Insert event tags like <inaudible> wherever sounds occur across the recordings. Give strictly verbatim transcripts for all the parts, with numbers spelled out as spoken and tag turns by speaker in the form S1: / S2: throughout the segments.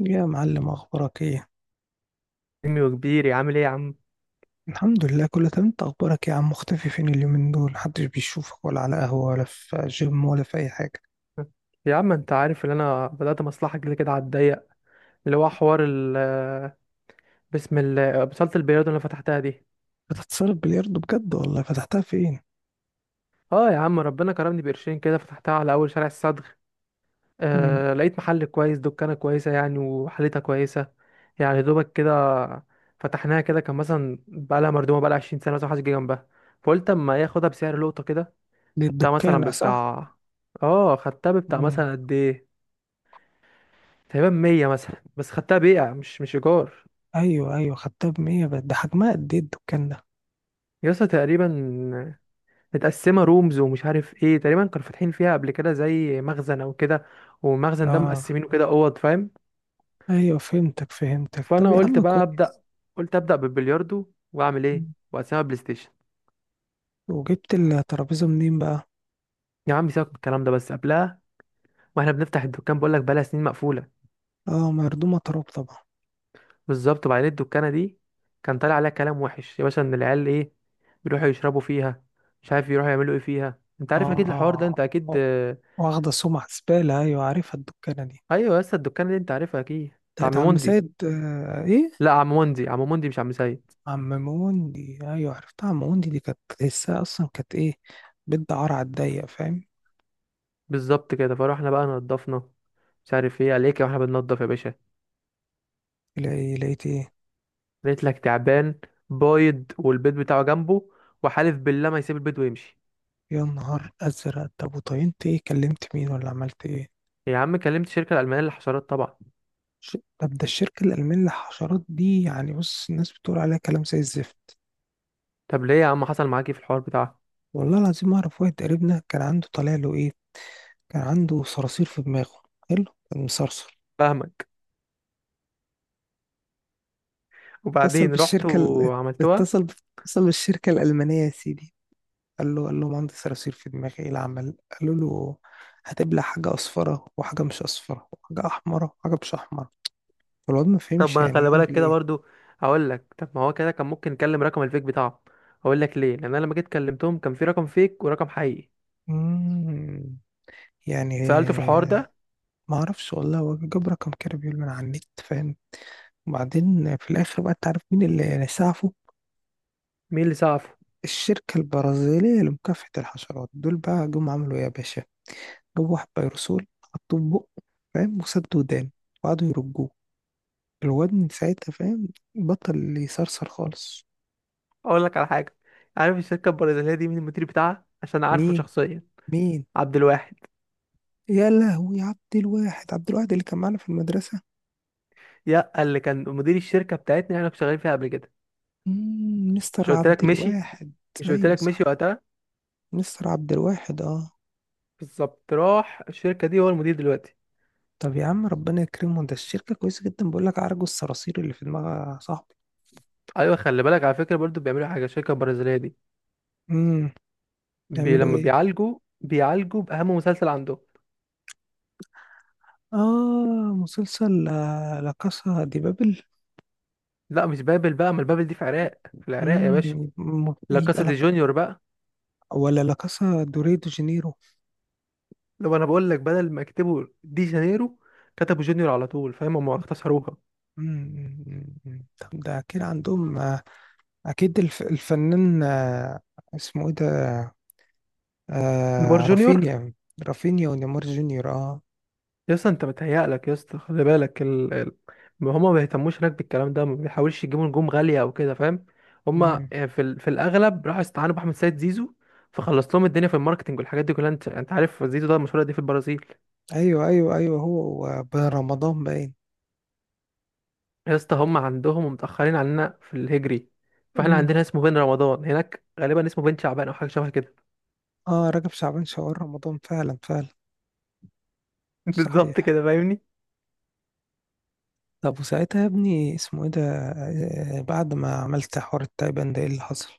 S1: يا معلم اخبارك ايه؟
S2: حجمي وكبيري عامل ايه يا عم؟
S1: الحمد لله كله تمام. انت اخبارك ايه يا عم؟ مختفي فين اليومين دول؟ محدش بيشوفك ولا على قهوة ولا في جيم ولا في اي حاجة.
S2: يا عم انت عارف ان انا بدأت مصلحة كده كده على الضيق، اللي هو حوار ال بسم الله بصالة البلياردو اللي أنا فتحتها دي.
S1: بتتصرف بلياردو بجد؟ والله فتحتها فين؟
S2: اه يا عم ربنا كرمني بقرشين كده، فتحتها على اول شارع الصدغ.
S1: امم.
S2: آه لقيت محل كويس، دكانة كويسة يعني وحالتها كويسة، يعني دوبك كده. فتحناها كده، كان مثلا بقالها مردومة بقالها عشرين سنة مثلا محدش جه جنبها، فقلت اما ايه اخدها بسعر لقطة كده.
S1: دي
S2: خدتها مثلا
S1: الدكانة صح؟
S2: ببتاع، اه خدتها ببتاع
S1: امم.
S2: مثلا قد ايه؟ تقريبا مية مثلا، بس خدتها بيع مش مش ايجار.
S1: ايوه ايوه، خدتها بمية؟ بقت ده حجمها قد ايه الدكان ده؟
S2: يا اسطى تقريبا متقسمه رومز ومش عارف ايه، تقريبا كانوا فاتحين فيها قبل كده زي مخزن او كده، والمخزن ده
S1: اه.
S2: مقسمينه كده اوض فاهم.
S1: ايوه فهمتك فهمتك، طب
S2: فانا
S1: يا
S2: قلت
S1: عم
S2: بقى
S1: كويس.
S2: ابدا، قلت ابدا بالبلياردو، واعمل ايه
S1: مم.
S2: واقسمها بلاي ستيشن.
S1: وجبت الترابيزة منين بقى؟
S2: يا عم سيبك من الكلام ده بس، قبلها واحنا بنفتح الدكان بقول لك بقالها سنين مقفوله.
S1: اه مردومة تراب طبعا.
S2: بالظبط، وبعدين الدكانه دي كان طالع عليها كلام وحش يا باشا، ان العيال ايه بيروحوا يشربوا فيها، مش عارف يروحوا يعملوا ايه فيها، انت عارف اكيد الحوار ده انت
S1: اه
S2: اكيد.
S1: واخدة سمعة زبالة، ايوه عارفها الدكانة دي،
S2: ايوه، لسه الدكان اللي انت عارفها اكيد بتاع عم
S1: بتاعت عم
S2: موندي.
S1: سيد. آه ايه؟
S2: لا عم موندي، عم موندي مش عم سيد.
S1: عم موندي، ايوه عرفتها، عم موندي دي كانت تحسها اصلا، كانت ايه، بنت عار على الضيق، فاهم.
S2: بالظبط كده، فروحنا بقى نضفنا، مش عارف ايه عليك واحنا بننضف يا باشا.
S1: لقي- لقيت ايه؟
S2: لقيت لك تعبان بايض والبيض بتاعه جنبه، وحالف بالله ما يسيب البيض ويمشي.
S1: يا نهار ازرق، طب وطينت ايه؟ كلمت مين؟ ولا عملت ايه؟
S2: يا عم كلمت الشركه الالمانيه للحشرات طبعا.
S1: ش- طب ده الشركه الالمانيه للحشرات دي يعني، بص الناس بتقول عليها كلام زي الزفت.
S2: طب ليه يا عم؟ حصل معاك ايه في الحوار بتاعها؟
S1: والله العظيم اعرف واحد قريبنا كان عنده طالع له ايه، كان عنده صراصير في دماغه. حلو. كان مصرصر.
S2: فاهمك.
S1: اتصل
S2: وبعدين رحت
S1: بالشركه ال-
S2: وعملتوها؟
S1: اتصل اتصل بالشركه الالمانيه يا سيدي. قال له قال له مهندس صراصير في دماغي ايه العمل، قالوا له هتبلع حاجة أصفرة وحاجة مش أصفرة وحاجة أحمرة وحاجة مش أحمرة. فالواد ما
S2: طب
S1: فهمش
S2: ما
S1: يعني
S2: خلي
S1: ايه
S2: بالك
S1: يعمل
S2: كده
S1: ايه.
S2: برضو، اقول لك، طب ما هو كده كان ممكن نكلم رقم الفيك بتاعه. اقول لك ليه، لان انا لما جيت كلمتهم كان في رقم فيك ورقم حقيقي.
S1: مم، يعني.
S2: سألته في الحوار ده.
S1: ما اعرفش والله، هو جاب رقم كده بيقول من على النت، فاهم. وبعدين في الاخر بقى تعرف مين اللي سعفه؟
S2: مين اللي سقفه؟
S1: الشركة البرازيلية لمكافحة الحشرات. دول بقى جم عملوا ايه يا باشا؟ جابوا واحد بيرسول حطوه في بقه، فاهم، وسد ودان، وقعدوا يرجوه. الواد من ساعتها، فاهم، بطل يصرصر خالص.
S2: اقول لك على حاجه. عارف الشركه البرازيليه دي مين المدير بتاعها؟ عشان عارفه
S1: مين؟
S2: شخصيا.
S1: مين؟
S2: عبد الواحد.
S1: يا لهوي، عبد الواحد؟ عبد الواحد اللي كان معانا في المدرسة؟
S2: يا اللي كان مدير الشركه بتاعتنا اللي احنا كنا شغالين فيها قبل كده.
S1: مم، مستر
S2: مش قلت
S1: عبد
S2: لك مشي؟
S1: الواحد.
S2: مش قلت
S1: ايوه
S2: لك مشي
S1: صح،
S2: وقتها؟
S1: مستر عبد الواحد، اه.
S2: بالظبط، راح الشركه دي هو المدير دلوقتي.
S1: طب يا عم ربنا يكرمه، ده الشركة كويسة جدا، بقول لك عرجوا الصراصير اللي في دماغها صاحبي.
S2: ايوه، خلي بالك على فكره برضو، بيعملوا حاجه الشركه البرازيليه دي.
S1: امم.
S2: بي
S1: يعملوا
S2: لما
S1: ايه؟
S2: بيعالجوا بيعالجوا باهم مسلسل عندهم.
S1: اه مسلسل. آه، لا كاسا دي بابل.
S2: لا مش بابل بقى، ما البابل دي في العراق، في العراق يا
S1: امم.
S2: باشا.
S1: يبقى
S2: لا
S1: يبقى
S2: كاسا دي
S1: لك،
S2: جونيور بقى.
S1: ولا لا كاسا دوري دو جانيرو.
S2: لو انا بقول لك، بدل ما يكتبوا دي جانيرو كتبوا جونيور على طول، فاهم؟ هم اختصروها.
S1: مم، مم، مم. طب ده أكيد عندهم، آه، أكيد الف- الفنان، آه، اسمه إيه ده؟
S2: نيمار
S1: آه،
S2: جونيور.
S1: رافينيا. رافينيا ونيمار جونيور، أه.
S2: يا اسطى انت متهيألك، يا اسطى خلي بالك ال... ال... ما هما ما بيهتموش هناك بالكلام ده، ما بيحاولش يجيبوا نجوم غالية او كده، فاهم؟ هما
S1: مم.
S2: يعني في ال... في الاغلب راحوا استعانوا باحمد سيد زيزو، فخلص لهم الدنيا في الماركتنج والحاجات دي كلها. انت انت عارف زيزو ده مشهور قد ايه في البرازيل.
S1: أيوه أيوه أيوه، هو بن رمضان باين.
S2: يا اسطى هما عندهم ومتأخرين عننا في الهجري، فاحنا
S1: مم.
S2: عندنا اسمه بن رمضان، هناك غالبا اسمه بن شعبان او حاجة شبه كده.
S1: أه رجب شعبان شوال رمضان، فعلا فعلا.
S2: <laughs> بالظبط
S1: صحيح.
S2: كده فاهمني.
S1: طب وساعتها يا ابني اسمه إيه ده؟ آه، بعد ما عملت حوار التايبان ده إيه اللي حصل؟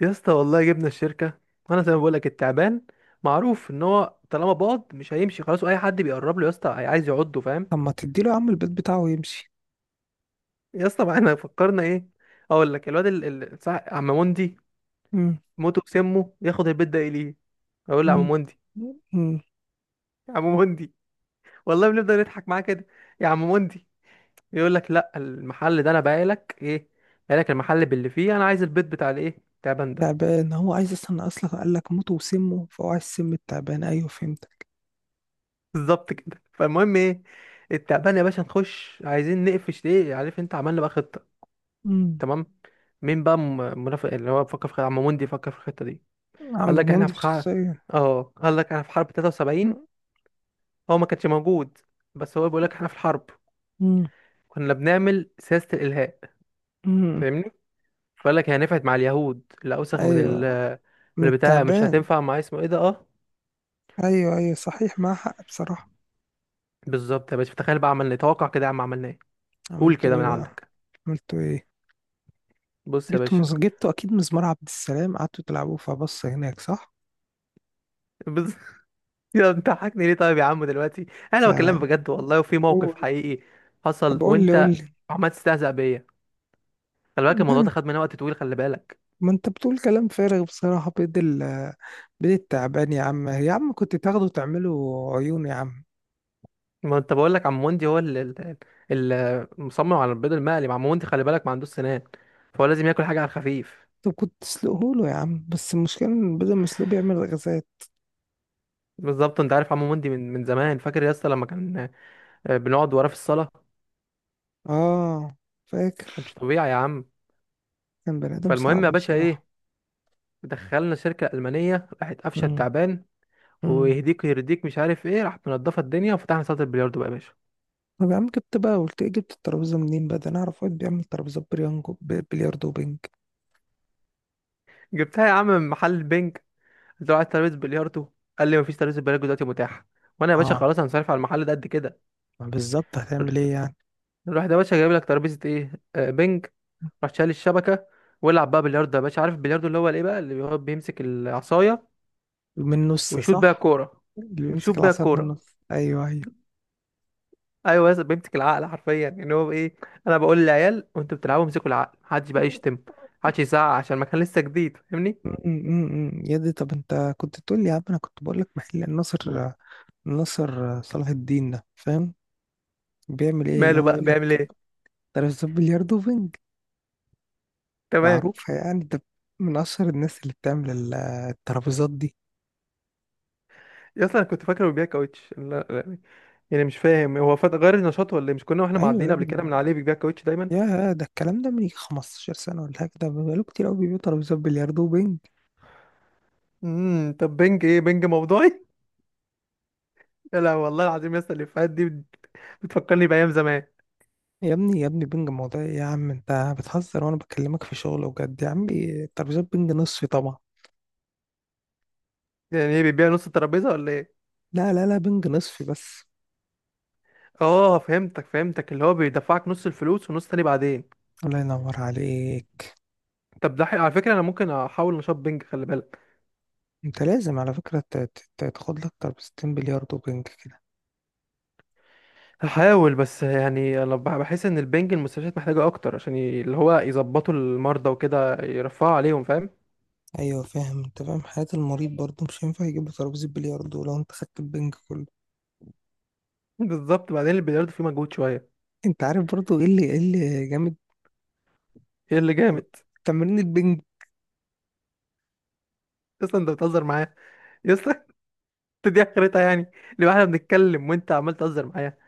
S2: يا اسطى والله جبنا الشركه، وانا زي ما بقول لك التعبان معروف ان هو طالما باض مش هيمشي خلاص، واي حد بيقرب له يا اسطى هي- عايز يعضه فاهم.
S1: طب ما تديله يا عم البيت بتاعه ويمشي.
S2: يا اسطى ما احنا فكرنا ايه، اقول لك الواد ال- ال- صح عم موندي
S1: مم.
S2: موته بسمه، ياخد البيت ده اليه. اقول له يا عم
S1: مم.
S2: موندي،
S1: مم.
S2: يا عم موندي، والله بنفضل نضحك معاه كده. يا عم موندي، يقول لك لا المحل ده انا بايع لك ايه، بايع لك المحل باللي فيه، انا عايز البيت بتاع الايه التعبان ده.
S1: تعبان، هو عايز اصلا، اصلا قال لك موته وسمه، فهو عايز سم التعبان، ايوه فهمتك.
S2: بالظبط كده. فالمهم ايه، التعبان يا باشا نخش عايزين نقفش ايه عارف انت، عملنا بقى خطه
S1: امم.
S2: تمام. مين بقى م- منافق اللي هو فكر في خ- عم موندي فكر في الخطه دي.
S1: عم
S2: قال لك احنا
S1: بموند
S2: في حرب،
S1: شخصيا.
S2: اه قال لك احنا في حرب تلاتة وسبعين،
S1: مم.
S2: هو ما كانش موجود بس هو بيقول لك احنا في الحرب.
S1: مم.
S2: كنا بنعمل سياسه الالهاء
S1: مم.
S2: فاهمني. فقال لك هي نفعت مع اليهود، لا اوسخ من ال،
S1: ايوه.
S2: من
S1: من
S2: البتاع مش
S1: التعبان.
S2: هتنفع مع اسمه ايه ده اه.
S1: ايوه ايوه صحيح، معاه حق بصراحه.
S2: بالظبط يا باشا، تخيل بقى عملنا ايه، توقع كده يا عم، عملنا ايه؟ قول
S1: عملتوا
S2: كده من
S1: ايه بقى؟
S2: عندك.
S1: عملتوا ايه؟
S2: بص يا
S1: جبتوا
S2: باشا،
S1: مز... جبتوا اكيد مزمار عبد السلام قعدتوا تلعبوه فبص هناك، صح؟
S2: بص <laughs> يا انت حاكني ليه طيب يا عم دلوقتي؟ انا
S1: لا
S2: بكلمك
S1: لا.
S2: بجد والله وفي موقف
S1: قول.
S2: حقيقي
S1: طب
S2: حصل،
S1: قول لي قول
S2: وانت
S1: لي.
S2: عمال تستهزأ بيا. خلي بالك الموضوع
S1: لا،
S2: ده خد مننا وقت طويل، خلي بالك.
S1: ما انت بتقول كلام فارغ بصراحه، بيد ال... بيد التعبان يا عم، يا عم كنت تاخده تعمله عيون يا عم.
S2: ما انت بقول لك عم وندي هو اللي المصمم على البيض المقلي، عم وندي خلي بالك ما عندوش سنان، فهو لازم ياكل حاجه على الخفيف.
S1: طب كنت تسلقه له يا عم، بس المشكلة إن بدل ما يسلقه بيعمل غازات.
S2: بالظبط. انت عارف عم وندي من من زمان، فاكر يا اسطى لما كان آه، بنقعد وراه في الصاله،
S1: اه فاكر،
S2: كانش طبيعي يا عم.
S1: كان بني آدم
S2: فالمهم
S1: صعب
S2: يا باشا
S1: بصراحة.
S2: ايه، دخلنا شركه المانيه، راحت قفشه
S1: مم.
S2: التعبان
S1: مم.
S2: ويهديك ويرديك مش عارف ايه، راحت منضفه الدنيا وفتحنا صاله البلياردو بقى يا باشا.
S1: طب يا عم جبت بقى، قلت ايه، جبت الترابيزة منين بقى؟ ده أنا أعرف واحد بيعمل ترابيزات بريانجو، ب- بلياردو وبنج.
S2: جبتها يا عم من محل البنج، قلت له عايز ترابيزه بلياردو. قال لي مفيش ترابيزه بلياردو دلوقتي متاحه، وانا يا باشا
S1: اه.
S2: خلاص هنصرف على المحل ده قد كده.
S1: ما بالظبط هتعمل ايه يعني؟
S2: الواحد يا باشا جايب لك ترابيزه ايه آه بنج، راح شايل الشبكه ويلعب بقى بلياردو يا باشا. عارف البلياردو اللي هو الايه بقى، اللي هو بيمسك العصايه
S1: من النص،
S2: ويشوط بيها
S1: صح؟
S2: الكوره،
S1: اللي
S2: ويشوط
S1: بيمسك
S2: بيها
S1: العصاية من
S2: الكوره.
S1: النص، أيوه أيوه.
S2: ايوه، بس بيمسك العقل حرفيا ان هو ايه، انا بقول للعيال وانتوا بتلعبوا امسكوا العقل، محدش بقى يشتم، محدش يزعق عشان المكان لسه جديد فاهمني.
S1: امم، يا دي. طب انت كنت تقول لي يا عم، انا كنت بقول لك محل الناصر، الناصر صلاح الدين ده، فاهم، بيعمل ايه اللي
S2: ماله
S1: هو
S2: بقى،
S1: يقول لك
S2: بيعمل ايه؟
S1: ترابيزات بلياردو وبنج،
S2: تمام.
S1: معروفة يعني، ده من أشهر الناس اللي بتعمل ال- الترابيزات دي.
S2: يا اصلا انا كنت فاكره بيبيع كاوتش، لا لا، يعني مش فاهم هو فات غير نشاطه ولا إيه؟ مش كنا واحنا
S1: أيوة
S2: معديين
S1: يا
S2: قبل كده من
S1: ابني،
S2: عليه بيبيع كاوتش دايما.
S1: يا ده الكلام ده من يجي 15 سنة ولا حاجة، ده بقاله كتير أوي بيبيعوا ترابيزات بلياردو وبينج.
S2: امم، طب بنج ايه؟ بنج موضوعي؟ يا لا والله العظيم يا اسطى، الافيهات دي بت- بتفكرني بايام زمان.
S1: يا ابني يا ابني، بينج موضوع إيه يا عم؟ أنت بتهزر وأنا بكلمك في شغل وجد، يا عمي ترابيزات بينج نصفي طبعا.
S2: يعني ايه؟ بيبيع نص الترابيزه ولا ايه؟
S1: لا لا لا، بينج نصفي بس.
S2: اه فهمتك فهمتك، اللي هو بيدفعك نص الفلوس ونص تاني بعدين.
S1: الله ينور عليك.
S2: طب ده حي... على فكره انا ممكن احاول نشاط بنج خلي بالك.
S1: أنت لازم على فكرة ت- ت- ت- تاخد لك ترابيزتين بلياردو وبينج كده.
S2: هحاول، بس يعني انا بح- بحس ان البنج المستشفيات محتاجه اكتر، عشان ي... اللي هو يظبطوا المرضى وكده يرفعوا عليهم فاهم.
S1: أيوة فاهم، أنت فاهم حياة المريض برضه، مش هينفع يجيب له ترابيزة بلياردو لو أنت خدت البنج كله.
S2: <laughs> بالظبط. بعدين البلياردو فيه مجهود شويه.
S1: انت عارف برضو ايه اللي ايه اللي جامد؟
S2: ايه اللي جامد؟
S1: تمرين البنج.
S2: اصلا انت بتهزر معايا يا اسطى <laughs> انت دي اخرتها يعني؟ لو احنا بنتكلم وانت عمال تهزر معايا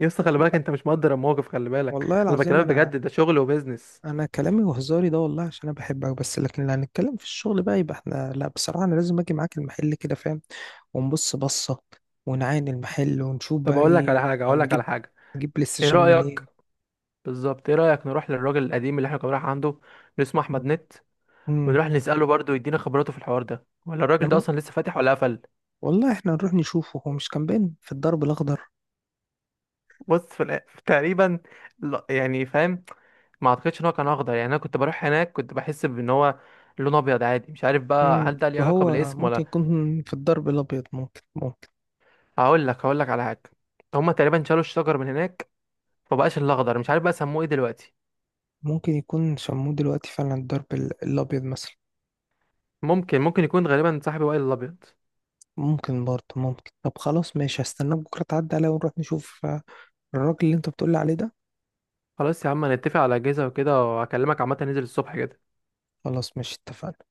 S2: يا اسطى، خلي بالك انت مش مقدر الموقف، خلي بالك
S1: والله
S2: انا
S1: العظيم
S2: بكلمك
S1: انا
S2: بجد، ده شغل وبيزنس.
S1: انا كلامي وهزاري ده والله عشان انا بحبك بس، لكن لو هنتكلم في الشغل بقى يبقى احنا، لا بصراحة انا لازم اجي معاك المحل كده، فاهم، ونبص بصة ونعاين المحل ونشوف
S2: طب
S1: بقى
S2: اقول لك على
S1: ايه
S2: حاجه، اقول لك
S1: هنجيب.
S2: على حاجه.
S1: نجيب بلاي
S2: ايه
S1: ستيشن
S2: رايك،
S1: منين؟
S2: بالظبط ايه رايك نروح للراجل القديم اللي احنا كنا رايح عنده اللي اسمه احمد نت،
S1: امم.
S2: ونروح نساله برضه يدينا خبراته في الحوار ده، ولا
S1: احنا
S2: الراجل ده
S1: مو...
S2: اصلا لسه فاتح ولا قفل.
S1: والله احنا نروح نشوفه، هو مش كان باين في الدرب الاخضر؟
S2: بص في الآ- تقريبا، لا يعني فاهم ما اعتقدش ان هو كان اخضر، يعني انا كنت بروح هناك كنت بحس بان هو لون ابيض عادي، مش عارف بقى
S1: امم.
S2: هل ده ليه علاقه
S1: فهو
S2: بالاسم
S1: ممكن
S2: ولا.
S1: يكون في الدرب الابيض، ممكن ممكن.
S2: هقول لك، هقول لك على حاجه، هما تقريبا شالوا الشجر من هناك، فبقاش الاخضر، مش عارف بقى سموه ايه دلوقتي.
S1: ممكن يكون شموه دلوقتي فعلا الدرب ال- الابيض مثلا.
S2: ممكن، ممكن يكون غالبا صاحبي وائل الابيض.
S1: ممكن برضه، ممكن. طب خلاص ماشي، هستناك بكرة تعدي عليا ونروح نشوف، آه، الراجل اللي انت بتقولي عليه ده.
S2: خلاص يا عم، هنتفق على اجازه وكده، وهكلمك عامه ننزل الصبح كده.
S1: خلاص ماشي اتفقنا.